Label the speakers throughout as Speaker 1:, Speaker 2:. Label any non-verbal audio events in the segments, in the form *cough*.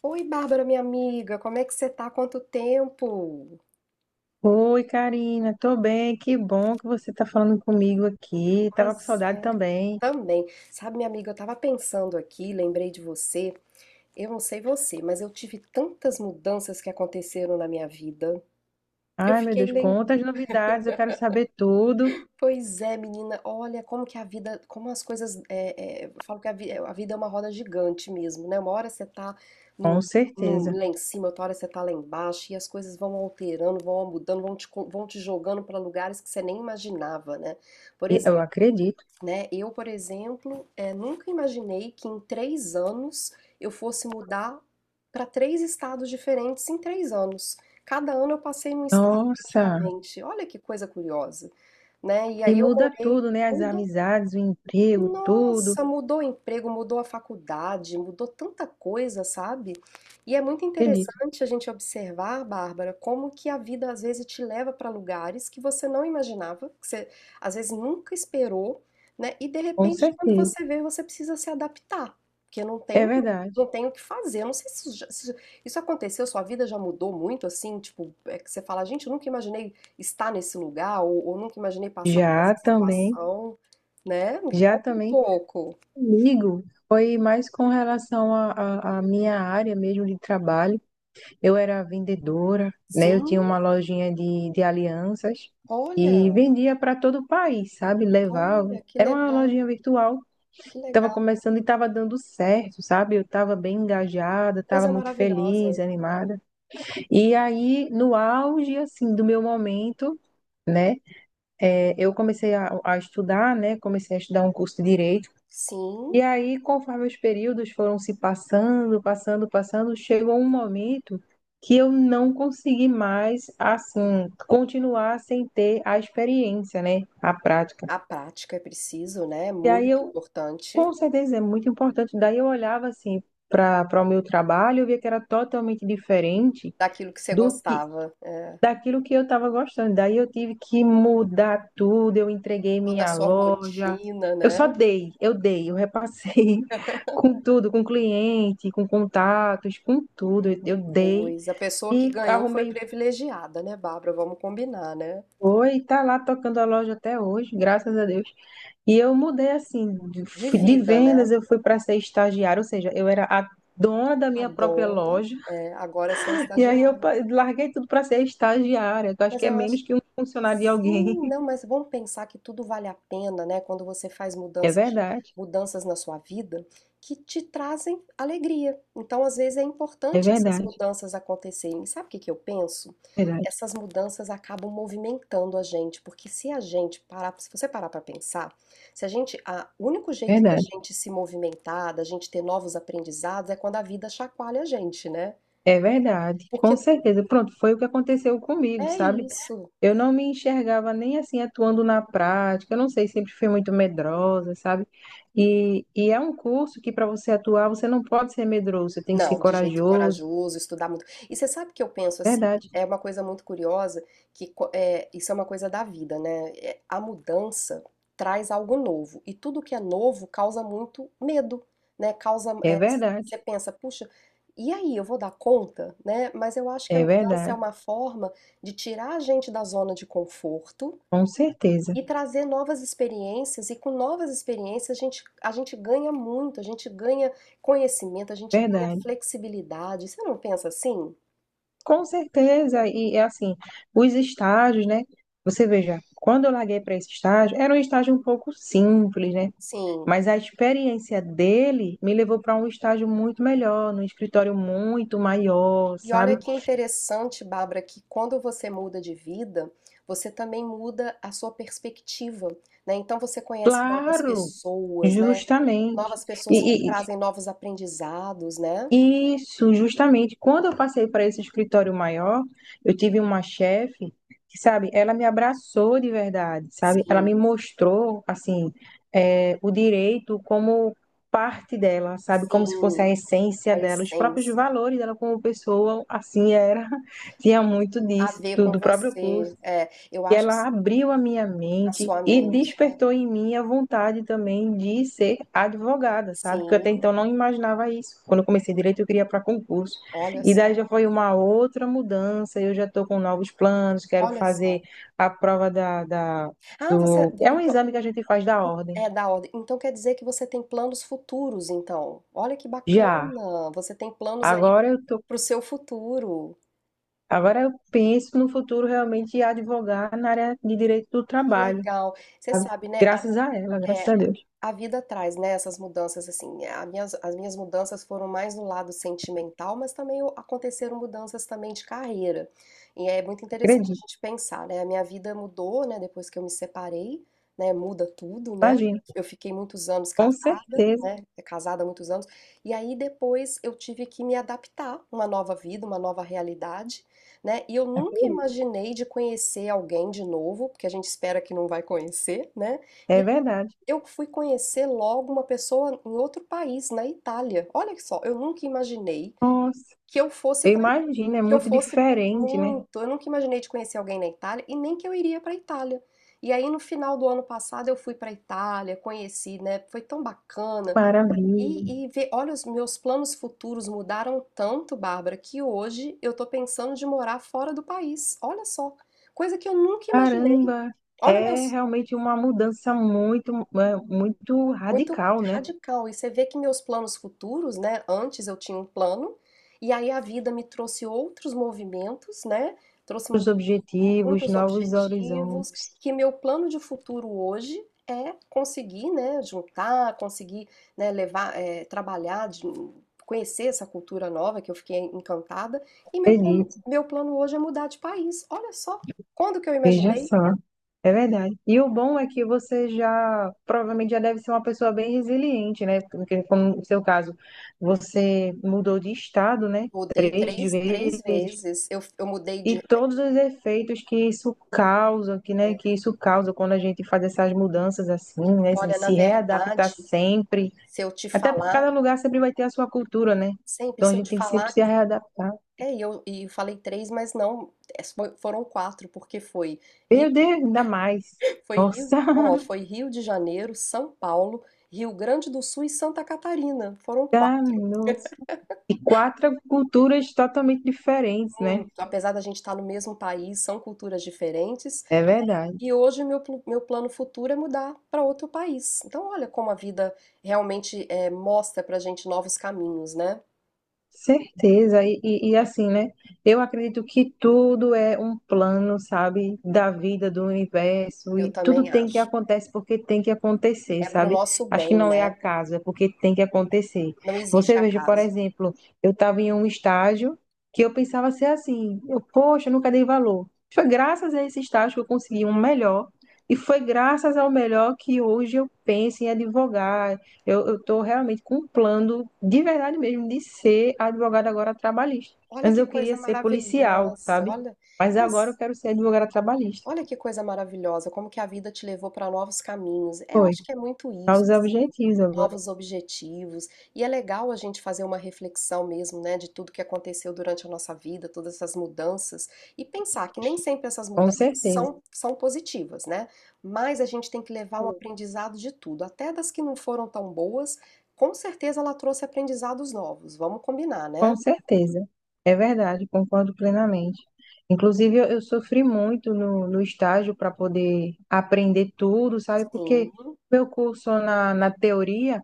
Speaker 1: Oi, Bárbara, minha amiga, como é que você tá? Quanto tempo?
Speaker 2: Oi, Karina, tô bem, que bom que você tá falando comigo aqui. Tava com
Speaker 1: Pois
Speaker 2: saudade
Speaker 1: é,
Speaker 2: também.
Speaker 1: também. Sabe, minha amiga, eu tava pensando aqui, lembrei de você. Eu não sei você, mas eu tive tantas mudanças que aconteceram na minha vida. Eu
Speaker 2: Ai, meu
Speaker 1: fiquei
Speaker 2: Deus,
Speaker 1: lembrando.
Speaker 2: quantas novidades, eu quero saber tudo.
Speaker 1: Pois é, menina, olha como que a vida, como as coisas. É, eu falo que a vida é uma roda gigante mesmo, né? Uma hora você tá num,
Speaker 2: Com certeza.
Speaker 1: lá em cima, outra hora você tá lá embaixo, e as coisas vão alterando, vão mudando, vão vão te jogando para lugares que você nem imaginava, né? Por
Speaker 2: E eu
Speaker 1: exemplo,
Speaker 2: acredito.
Speaker 1: né? Eu, por exemplo, nunca imaginei que em três anos eu fosse mudar para três estados diferentes em três anos. Cada ano eu passei num estado
Speaker 2: Nossa,
Speaker 1: praticamente. Olha que coisa curiosa, né? E
Speaker 2: e
Speaker 1: aí eu
Speaker 2: muda
Speaker 1: morei,
Speaker 2: tudo, né? As amizades, o emprego, tudo.
Speaker 1: nossa, mudou o emprego, mudou a faculdade, mudou tanta coisa, sabe? E é muito
Speaker 2: Acredito,
Speaker 1: interessante a gente observar, Bárbara, como que a vida às vezes te leva para lugares que você não imaginava, que você às vezes nunca esperou, né? E de
Speaker 2: com
Speaker 1: repente, quando
Speaker 2: certeza.
Speaker 1: você vê, você precisa se adaptar, porque
Speaker 2: É
Speaker 1: não
Speaker 2: verdade.
Speaker 1: tem o que fazer. Eu não sei se se isso aconteceu, sua vida já mudou muito, assim, tipo, é que você fala, gente, eu nunca imaginei estar nesse lugar, ou nunca imaginei passar por
Speaker 2: Já
Speaker 1: essa
Speaker 2: também,
Speaker 1: situação, né? Me
Speaker 2: já
Speaker 1: conta um
Speaker 2: também
Speaker 1: pouco.
Speaker 2: comigo. Foi mais com relação à à minha área mesmo de trabalho. Eu era vendedora, né? Eu
Speaker 1: Sim,
Speaker 2: tinha uma lojinha de alianças e
Speaker 1: olha,
Speaker 2: vendia para todo o país, sabe? Levava.
Speaker 1: olha,
Speaker 2: Era uma lojinha virtual.
Speaker 1: que legal,
Speaker 2: Estava começando e estava dando certo, sabe? Eu estava bem engajada, estava
Speaker 1: coisa
Speaker 2: muito
Speaker 1: maravilhosa.
Speaker 2: feliz, animada. E aí, no auge, assim, do meu momento, né? Eu comecei a estudar, né? Comecei a estudar um curso de direito.
Speaker 1: Sim,
Speaker 2: E aí, conforme os períodos foram se passando, chegou um momento que eu não consegui mais, assim, continuar sem ter a experiência, né? A prática.
Speaker 1: a prática é preciso, né? É
Speaker 2: E aí
Speaker 1: muito
Speaker 2: eu,
Speaker 1: importante
Speaker 2: com certeza, é muito importante. Daí eu olhava, assim, para o meu trabalho, eu via que era totalmente diferente
Speaker 1: daquilo que você
Speaker 2: do que
Speaker 1: gostava, é,
Speaker 2: daquilo que eu estava gostando. Daí eu tive que mudar tudo, eu entreguei
Speaker 1: toda a
Speaker 2: minha
Speaker 1: sua
Speaker 2: loja.
Speaker 1: rotina,
Speaker 2: Eu só
Speaker 1: né?
Speaker 2: dei, eu repassei *laughs* com tudo, com cliente, com contatos, com tudo.
Speaker 1: Que
Speaker 2: Eu dei
Speaker 1: coisa. A pessoa que
Speaker 2: e
Speaker 1: ganhou foi
Speaker 2: arrumei
Speaker 1: privilegiada, né, Bárbara? Vamos combinar, né?
Speaker 2: foi, e tá lá tocando a loja até hoje, graças a Deus. E eu mudei assim,
Speaker 1: De
Speaker 2: de
Speaker 1: vida,
Speaker 2: vendas
Speaker 1: né?
Speaker 2: eu fui para ser estagiária, ou seja, eu era a dona da
Speaker 1: A
Speaker 2: minha própria
Speaker 1: dona,
Speaker 2: loja.
Speaker 1: é, agora você é
Speaker 2: *laughs* E aí eu
Speaker 1: estagiária.
Speaker 2: larguei tudo para ser estagiária, que eu acho
Speaker 1: Mas
Speaker 2: que é
Speaker 1: eu acho
Speaker 2: menos que um funcionário de alguém.
Speaker 1: Sim, não,
Speaker 2: *laughs*
Speaker 1: mas vamos pensar que tudo vale a pena, né? Quando você faz
Speaker 2: É
Speaker 1: mudanças,
Speaker 2: verdade.
Speaker 1: mudanças na sua vida que te trazem alegria. Então, às vezes, é
Speaker 2: É
Speaker 1: importante essas mudanças acontecerem. E sabe o que que eu penso?
Speaker 2: verdade,
Speaker 1: Essas mudanças acabam movimentando a gente, porque se a gente parar, se você parar para pensar, se a gente, a, o único jeito da
Speaker 2: verdade.
Speaker 1: gente se movimentar, da gente ter novos aprendizados, é quando a vida chacoalha a gente, né?
Speaker 2: É verdade, com
Speaker 1: Porque
Speaker 2: certeza. Pronto, foi o que aconteceu comigo,
Speaker 1: é
Speaker 2: sabe?
Speaker 1: isso.
Speaker 2: Eu não me enxergava nem assim atuando na prática. Eu não sei, sempre fui muito medrosa, sabe? E é um curso que para você atuar, você não pode ser medroso, você tem que ser
Speaker 1: Não, de jeito
Speaker 2: corajoso.
Speaker 1: corajoso, estudar muito. E você sabe que eu penso assim,
Speaker 2: Verdade,
Speaker 1: é uma coisa muito curiosa, é, isso é uma coisa da vida, né? É, a mudança traz algo novo, e tudo que é novo causa muito medo, né? Causa,
Speaker 2: é
Speaker 1: é,
Speaker 2: verdade,
Speaker 1: você pensa, puxa, e aí, eu vou dar conta, né? Mas eu acho que a
Speaker 2: é
Speaker 1: mudança é
Speaker 2: verdade.
Speaker 1: uma forma de tirar a gente da zona de conforto,
Speaker 2: Com certeza,
Speaker 1: e trazer novas experiências, e com novas experiências a gente ganha muito, a gente ganha conhecimento, a gente ganha
Speaker 2: verdade.
Speaker 1: flexibilidade. Você não pensa assim?
Speaker 2: Com certeza. E é assim, os estágios, né? Você veja, quando eu larguei para esse estágio, era um estágio um pouco simples, né?
Speaker 1: Sim.
Speaker 2: Mas a experiência dele me levou para um estágio muito melhor, num escritório muito maior,
Speaker 1: E olha
Speaker 2: sabe?
Speaker 1: que interessante, Bárbara, que quando você muda de vida, você também muda a sua perspectiva, né? Então você conhece novas
Speaker 2: Claro,
Speaker 1: pessoas, né?
Speaker 2: justamente.
Speaker 1: Novas pessoas que te
Speaker 2: E,
Speaker 1: trazem novos aprendizados, né?
Speaker 2: isso, justamente. Quando eu passei para esse escritório maior, eu tive uma chefe que, sabe, ela me abraçou de verdade, sabe? Ela me
Speaker 1: Sim,
Speaker 2: mostrou, assim, é, o direito como parte dela, sabe? Como se fosse a
Speaker 1: sim, a
Speaker 2: essência dela, os próprios
Speaker 1: essência.
Speaker 2: valores dela como pessoa, assim era. *laughs* Tinha muito
Speaker 1: A
Speaker 2: disso,
Speaker 1: ver
Speaker 2: do
Speaker 1: com
Speaker 2: do próprio
Speaker 1: você.
Speaker 2: curso.
Speaker 1: É, eu
Speaker 2: E
Speaker 1: acho
Speaker 2: ela abriu a minha
Speaker 1: A
Speaker 2: mente
Speaker 1: sua
Speaker 2: e
Speaker 1: mente, né.
Speaker 2: despertou em mim a vontade também de ser advogada, sabe? Porque eu até
Speaker 1: Sim,
Speaker 2: então não imaginava isso. Quando eu comecei direito, eu queria para concurso.
Speaker 1: olha
Speaker 2: E daí
Speaker 1: só,
Speaker 2: já foi uma outra mudança. Eu já estou com novos planos, quero
Speaker 1: olha
Speaker 2: fazer
Speaker 1: só.
Speaker 2: a prova
Speaker 1: Ah, você
Speaker 2: do. É um
Speaker 1: então
Speaker 2: exame que a gente faz da ordem.
Speaker 1: é da ordem. Então quer dizer que você tem planos futuros então. Olha que
Speaker 2: Já.
Speaker 1: bacana, você tem planos aí
Speaker 2: Agora eu tô,
Speaker 1: para o seu futuro.
Speaker 2: agora eu penso no futuro realmente em advogar na área de direito do
Speaker 1: Que
Speaker 2: trabalho.
Speaker 1: legal. Você
Speaker 2: Sabe?
Speaker 1: sabe, né, a
Speaker 2: Graças a ela, graças
Speaker 1: é
Speaker 2: a Deus.
Speaker 1: a vida traz, né, essas mudanças assim, as minhas mudanças foram mais no lado sentimental, mas também aconteceram mudanças também de carreira. E é muito interessante a
Speaker 2: Acredito.
Speaker 1: gente pensar, né, a minha vida mudou, né, depois que eu me separei, né, muda tudo, né?
Speaker 2: Imagina.
Speaker 1: Eu fiquei muitos anos
Speaker 2: Com
Speaker 1: casada,
Speaker 2: certeza.
Speaker 1: né, casada há muitos anos, e aí depois eu tive que me adaptar uma nova vida, uma nova realidade, né? E eu nunca imaginei de conhecer alguém de novo, porque a gente espera que não vai conhecer, né?
Speaker 2: É
Speaker 1: E
Speaker 2: verdade.
Speaker 1: eu fui conhecer logo uma pessoa em outro país, na Itália. Olha só, eu nunca imaginei
Speaker 2: Nossa,
Speaker 1: que eu fosse
Speaker 2: eu
Speaker 1: para
Speaker 2: imagino, é
Speaker 1: que eu
Speaker 2: muito
Speaker 1: fosse
Speaker 2: diferente, né?
Speaker 1: muito. Eu nunca imaginei de conhecer alguém na Itália e nem que eu iria para a Itália. E aí no final do ano passado eu fui para a Itália, conheci, né? Foi tão bacana.
Speaker 2: Maravilha.
Speaker 1: E ver, olha, os meus planos futuros mudaram tanto, Bárbara, que hoje eu tô pensando de morar fora do país. Olha só, coisa que eu nunca imaginei.
Speaker 2: Caramba,
Speaker 1: Olha
Speaker 2: é
Speaker 1: meus
Speaker 2: realmente uma mudança muito, é, muito
Speaker 1: Muito
Speaker 2: radical, né?
Speaker 1: radical. E você vê que meus planos futuros, né? Antes eu tinha um plano, e aí a vida me trouxe outros movimentos, né? Trouxe
Speaker 2: Os
Speaker 1: mu-
Speaker 2: objetivos,
Speaker 1: muitos
Speaker 2: novos
Speaker 1: objetivos,
Speaker 2: horizontes.
Speaker 1: que meu plano de futuro hoje é conseguir, né, juntar, conseguir, né, levar, trabalhar, conhecer essa cultura nova que eu fiquei encantada. E
Speaker 2: Acredito,
Speaker 1: meu plano hoje é mudar de país. Olha só, quando que eu
Speaker 2: veja
Speaker 1: imaginei?
Speaker 2: só. É verdade. E o bom é que você já, provavelmente já deve ser uma pessoa bem resiliente, né? Porque, como no seu caso, você mudou de estado, né?
Speaker 1: Mudei
Speaker 2: Três
Speaker 1: três
Speaker 2: vezes,
Speaker 1: vezes. Eu mudei de
Speaker 2: e todos os efeitos que isso causa, que, né,
Speaker 1: eh,
Speaker 2: que isso causa quando a gente faz essas mudanças assim, né, de
Speaker 1: Olha, na
Speaker 2: se readaptar
Speaker 1: verdade,
Speaker 2: sempre.
Speaker 1: se eu te
Speaker 2: Até porque cada
Speaker 1: falar,
Speaker 2: lugar sempre vai ter a sua cultura, né?
Speaker 1: sempre
Speaker 2: Então a
Speaker 1: se eu
Speaker 2: gente
Speaker 1: te
Speaker 2: tem que sempre
Speaker 1: falar,
Speaker 2: se readaptar.
Speaker 1: é, e eu falei três, mas não, é, foram quatro, porque foi Rio,
Speaker 2: Meu Deus, ainda mais.
Speaker 1: foi Rio,
Speaker 2: Nossa,
Speaker 1: ó, foi
Speaker 2: *laughs*
Speaker 1: Rio de Janeiro, São Paulo, Rio Grande do Sul e Santa Catarina. Foram
Speaker 2: tá,
Speaker 1: quatro,
Speaker 2: nossa. E quatro culturas totalmente diferentes, né?
Speaker 1: muito, apesar da gente estar no mesmo país, são culturas diferentes,
Speaker 2: É verdade.
Speaker 1: e hoje meu plano futuro é mudar para outro país. Então, olha como a vida realmente é, mostra pra gente novos caminhos, né?
Speaker 2: Certeza, e assim, né? Eu acredito que tudo é um plano, sabe, da vida, do universo,
Speaker 1: Eu
Speaker 2: e tudo
Speaker 1: também
Speaker 2: tem que
Speaker 1: acho.
Speaker 2: acontecer porque tem que acontecer,
Speaker 1: É pro
Speaker 2: sabe?
Speaker 1: nosso
Speaker 2: Acho que
Speaker 1: bem,
Speaker 2: não é
Speaker 1: né?
Speaker 2: acaso, é porque tem que acontecer.
Speaker 1: Não existe
Speaker 2: Você veja, por
Speaker 1: acaso.
Speaker 2: exemplo, eu estava em um estágio que eu pensava ser assim, eu, poxa, eu nunca dei valor. Foi graças a esse estágio que eu consegui um melhor, e foi graças ao melhor que hoje eu penso em advogar, eu, estou realmente com um plano, de verdade mesmo, de ser advogada agora trabalhista.
Speaker 1: Olha
Speaker 2: Antes
Speaker 1: que
Speaker 2: eu queria
Speaker 1: coisa
Speaker 2: ser policial,
Speaker 1: maravilhosa,
Speaker 2: sabe?
Speaker 1: olha,
Speaker 2: Mas agora eu
Speaker 1: nossa,
Speaker 2: quero ser advogada trabalhista.
Speaker 1: olha que coisa maravilhosa, como que a vida te levou para novos caminhos. É, eu
Speaker 2: Foi.
Speaker 1: acho que é muito isso,
Speaker 2: Para
Speaker 1: assim,
Speaker 2: objetivos agora.
Speaker 1: novos objetivos. E é legal a gente fazer uma reflexão mesmo, né, de tudo que aconteceu durante a nossa vida, todas essas mudanças, e pensar que nem sempre essas
Speaker 2: Com
Speaker 1: mudanças
Speaker 2: certeza.
Speaker 1: são positivas, né? Mas a gente tem que levar um aprendizado de tudo, até das que não foram tão boas. Com certeza ela trouxe aprendizados novos, vamos combinar, né?
Speaker 2: Com certeza. É verdade, concordo plenamente. Inclusive, eu sofri muito no estágio para poder aprender tudo, sabe? Porque
Speaker 1: Sim.
Speaker 2: meu curso na teoria.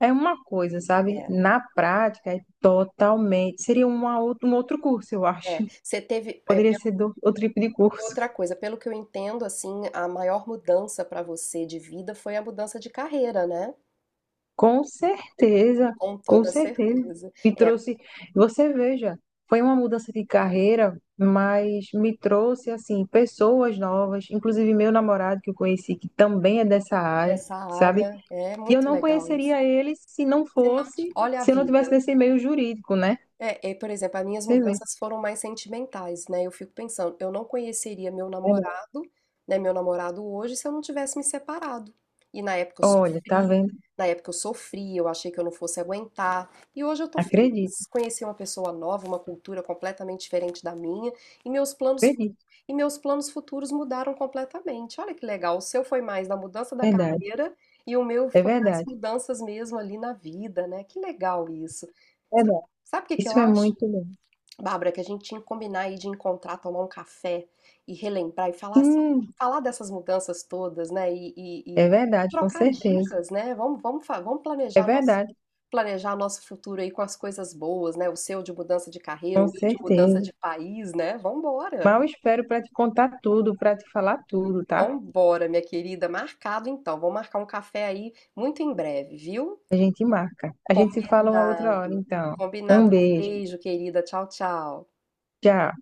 Speaker 2: É uma coisa, sabe?
Speaker 1: É,
Speaker 2: Na prática, é totalmente. Seria uma outra, um outro curso, eu
Speaker 1: é.
Speaker 2: acho. *laughs*
Speaker 1: Você teve, é,
Speaker 2: Poderia
Speaker 1: pensou
Speaker 2: ser outro tipo de curso.
Speaker 1: outra coisa, pelo que eu entendo, assim, a maior mudança para você de vida foi a mudança de carreira, né?
Speaker 2: Com certeza,
Speaker 1: Com
Speaker 2: com
Speaker 1: toda
Speaker 2: certeza.
Speaker 1: certeza.
Speaker 2: Me
Speaker 1: É,
Speaker 2: trouxe. Você veja, foi uma mudança de carreira, mas me trouxe, assim, pessoas novas, inclusive meu namorado que eu conheci, que também é dessa área,
Speaker 1: essa
Speaker 2: sabe?
Speaker 1: área é
Speaker 2: E eu
Speaker 1: muito
Speaker 2: não
Speaker 1: legal isso.
Speaker 2: conheceria ele se não
Speaker 1: Se não,
Speaker 2: fosse,
Speaker 1: olha a
Speaker 2: se eu não tivesse
Speaker 1: vida.
Speaker 2: nesse meio jurídico, né?
Speaker 1: É, por exemplo, as minhas
Speaker 2: Você vê.
Speaker 1: mudanças foram mais sentimentais, né? Eu fico pensando, eu não conheceria meu
Speaker 2: É, né?
Speaker 1: namorado, né? Meu namorado hoje se eu não tivesse me separado. E na época eu
Speaker 2: Olha, tá
Speaker 1: sofri,
Speaker 2: vendo?
Speaker 1: na época eu sofri, eu achei que eu não fosse aguentar. E hoje eu tô
Speaker 2: Acredito,
Speaker 1: feliz, conheci uma pessoa nova, uma cultura completamente diferente da minha, e meus planos
Speaker 2: acredito.
Speaker 1: e meus planos futuros mudaram completamente. Olha que legal, o seu foi mais da mudança da
Speaker 2: Verdade,
Speaker 1: carreira e o meu
Speaker 2: é
Speaker 1: foi mais
Speaker 2: verdade,
Speaker 1: mudanças mesmo ali na vida, né? Que legal isso.
Speaker 2: é verdade.
Speaker 1: Sabe o que que eu
Speaker 2: Isso é
Speaker 1: acho,
Speaker 2: muito bom.
Speaker 1: Bárbara, que a gente tinha que combinar aí de encontrar, tomar um café e relembrar e falar assim,
Speaker 2: Sim,
Speaker 1: falar dessas mudanças todas, né?
Speaker 2: é
Speaker 1: E
Speaker 2: verdade, com
Speaker 1: trocar
Speaker 2: certeza.
Speaker 1: dicas, né? Vamos, vamos, vamos
Speaker 2: É verdade,
Speaker 1: planejar nosso futuro aí com as coisas boas, né? O seu de mudança de carreira,
Speaker 2: com
Speaker 1: o meu de mudança
Speaker 2: certeza.
Speaker 1: de país, né? Vambora!
Speaker 2: Mal espero para te contar tudo, para te falar tudo, tá?
Speaker 1: Vambora, minha querida. Marcado então. Vamos marcar um café aí muito em breve, viu?
Speaker 2: A gente marca. A gente se fala uma outra hora,
Speaker 1: Combinado.
Speaker 2: então.
Speaker 1: Combinado.
Speaker 2: Um
Speaker 1: Um
Speaker 2: beijo.
Speaker 1: beijo, querida. Tchau, tchau.
Speaker 2: Tchau.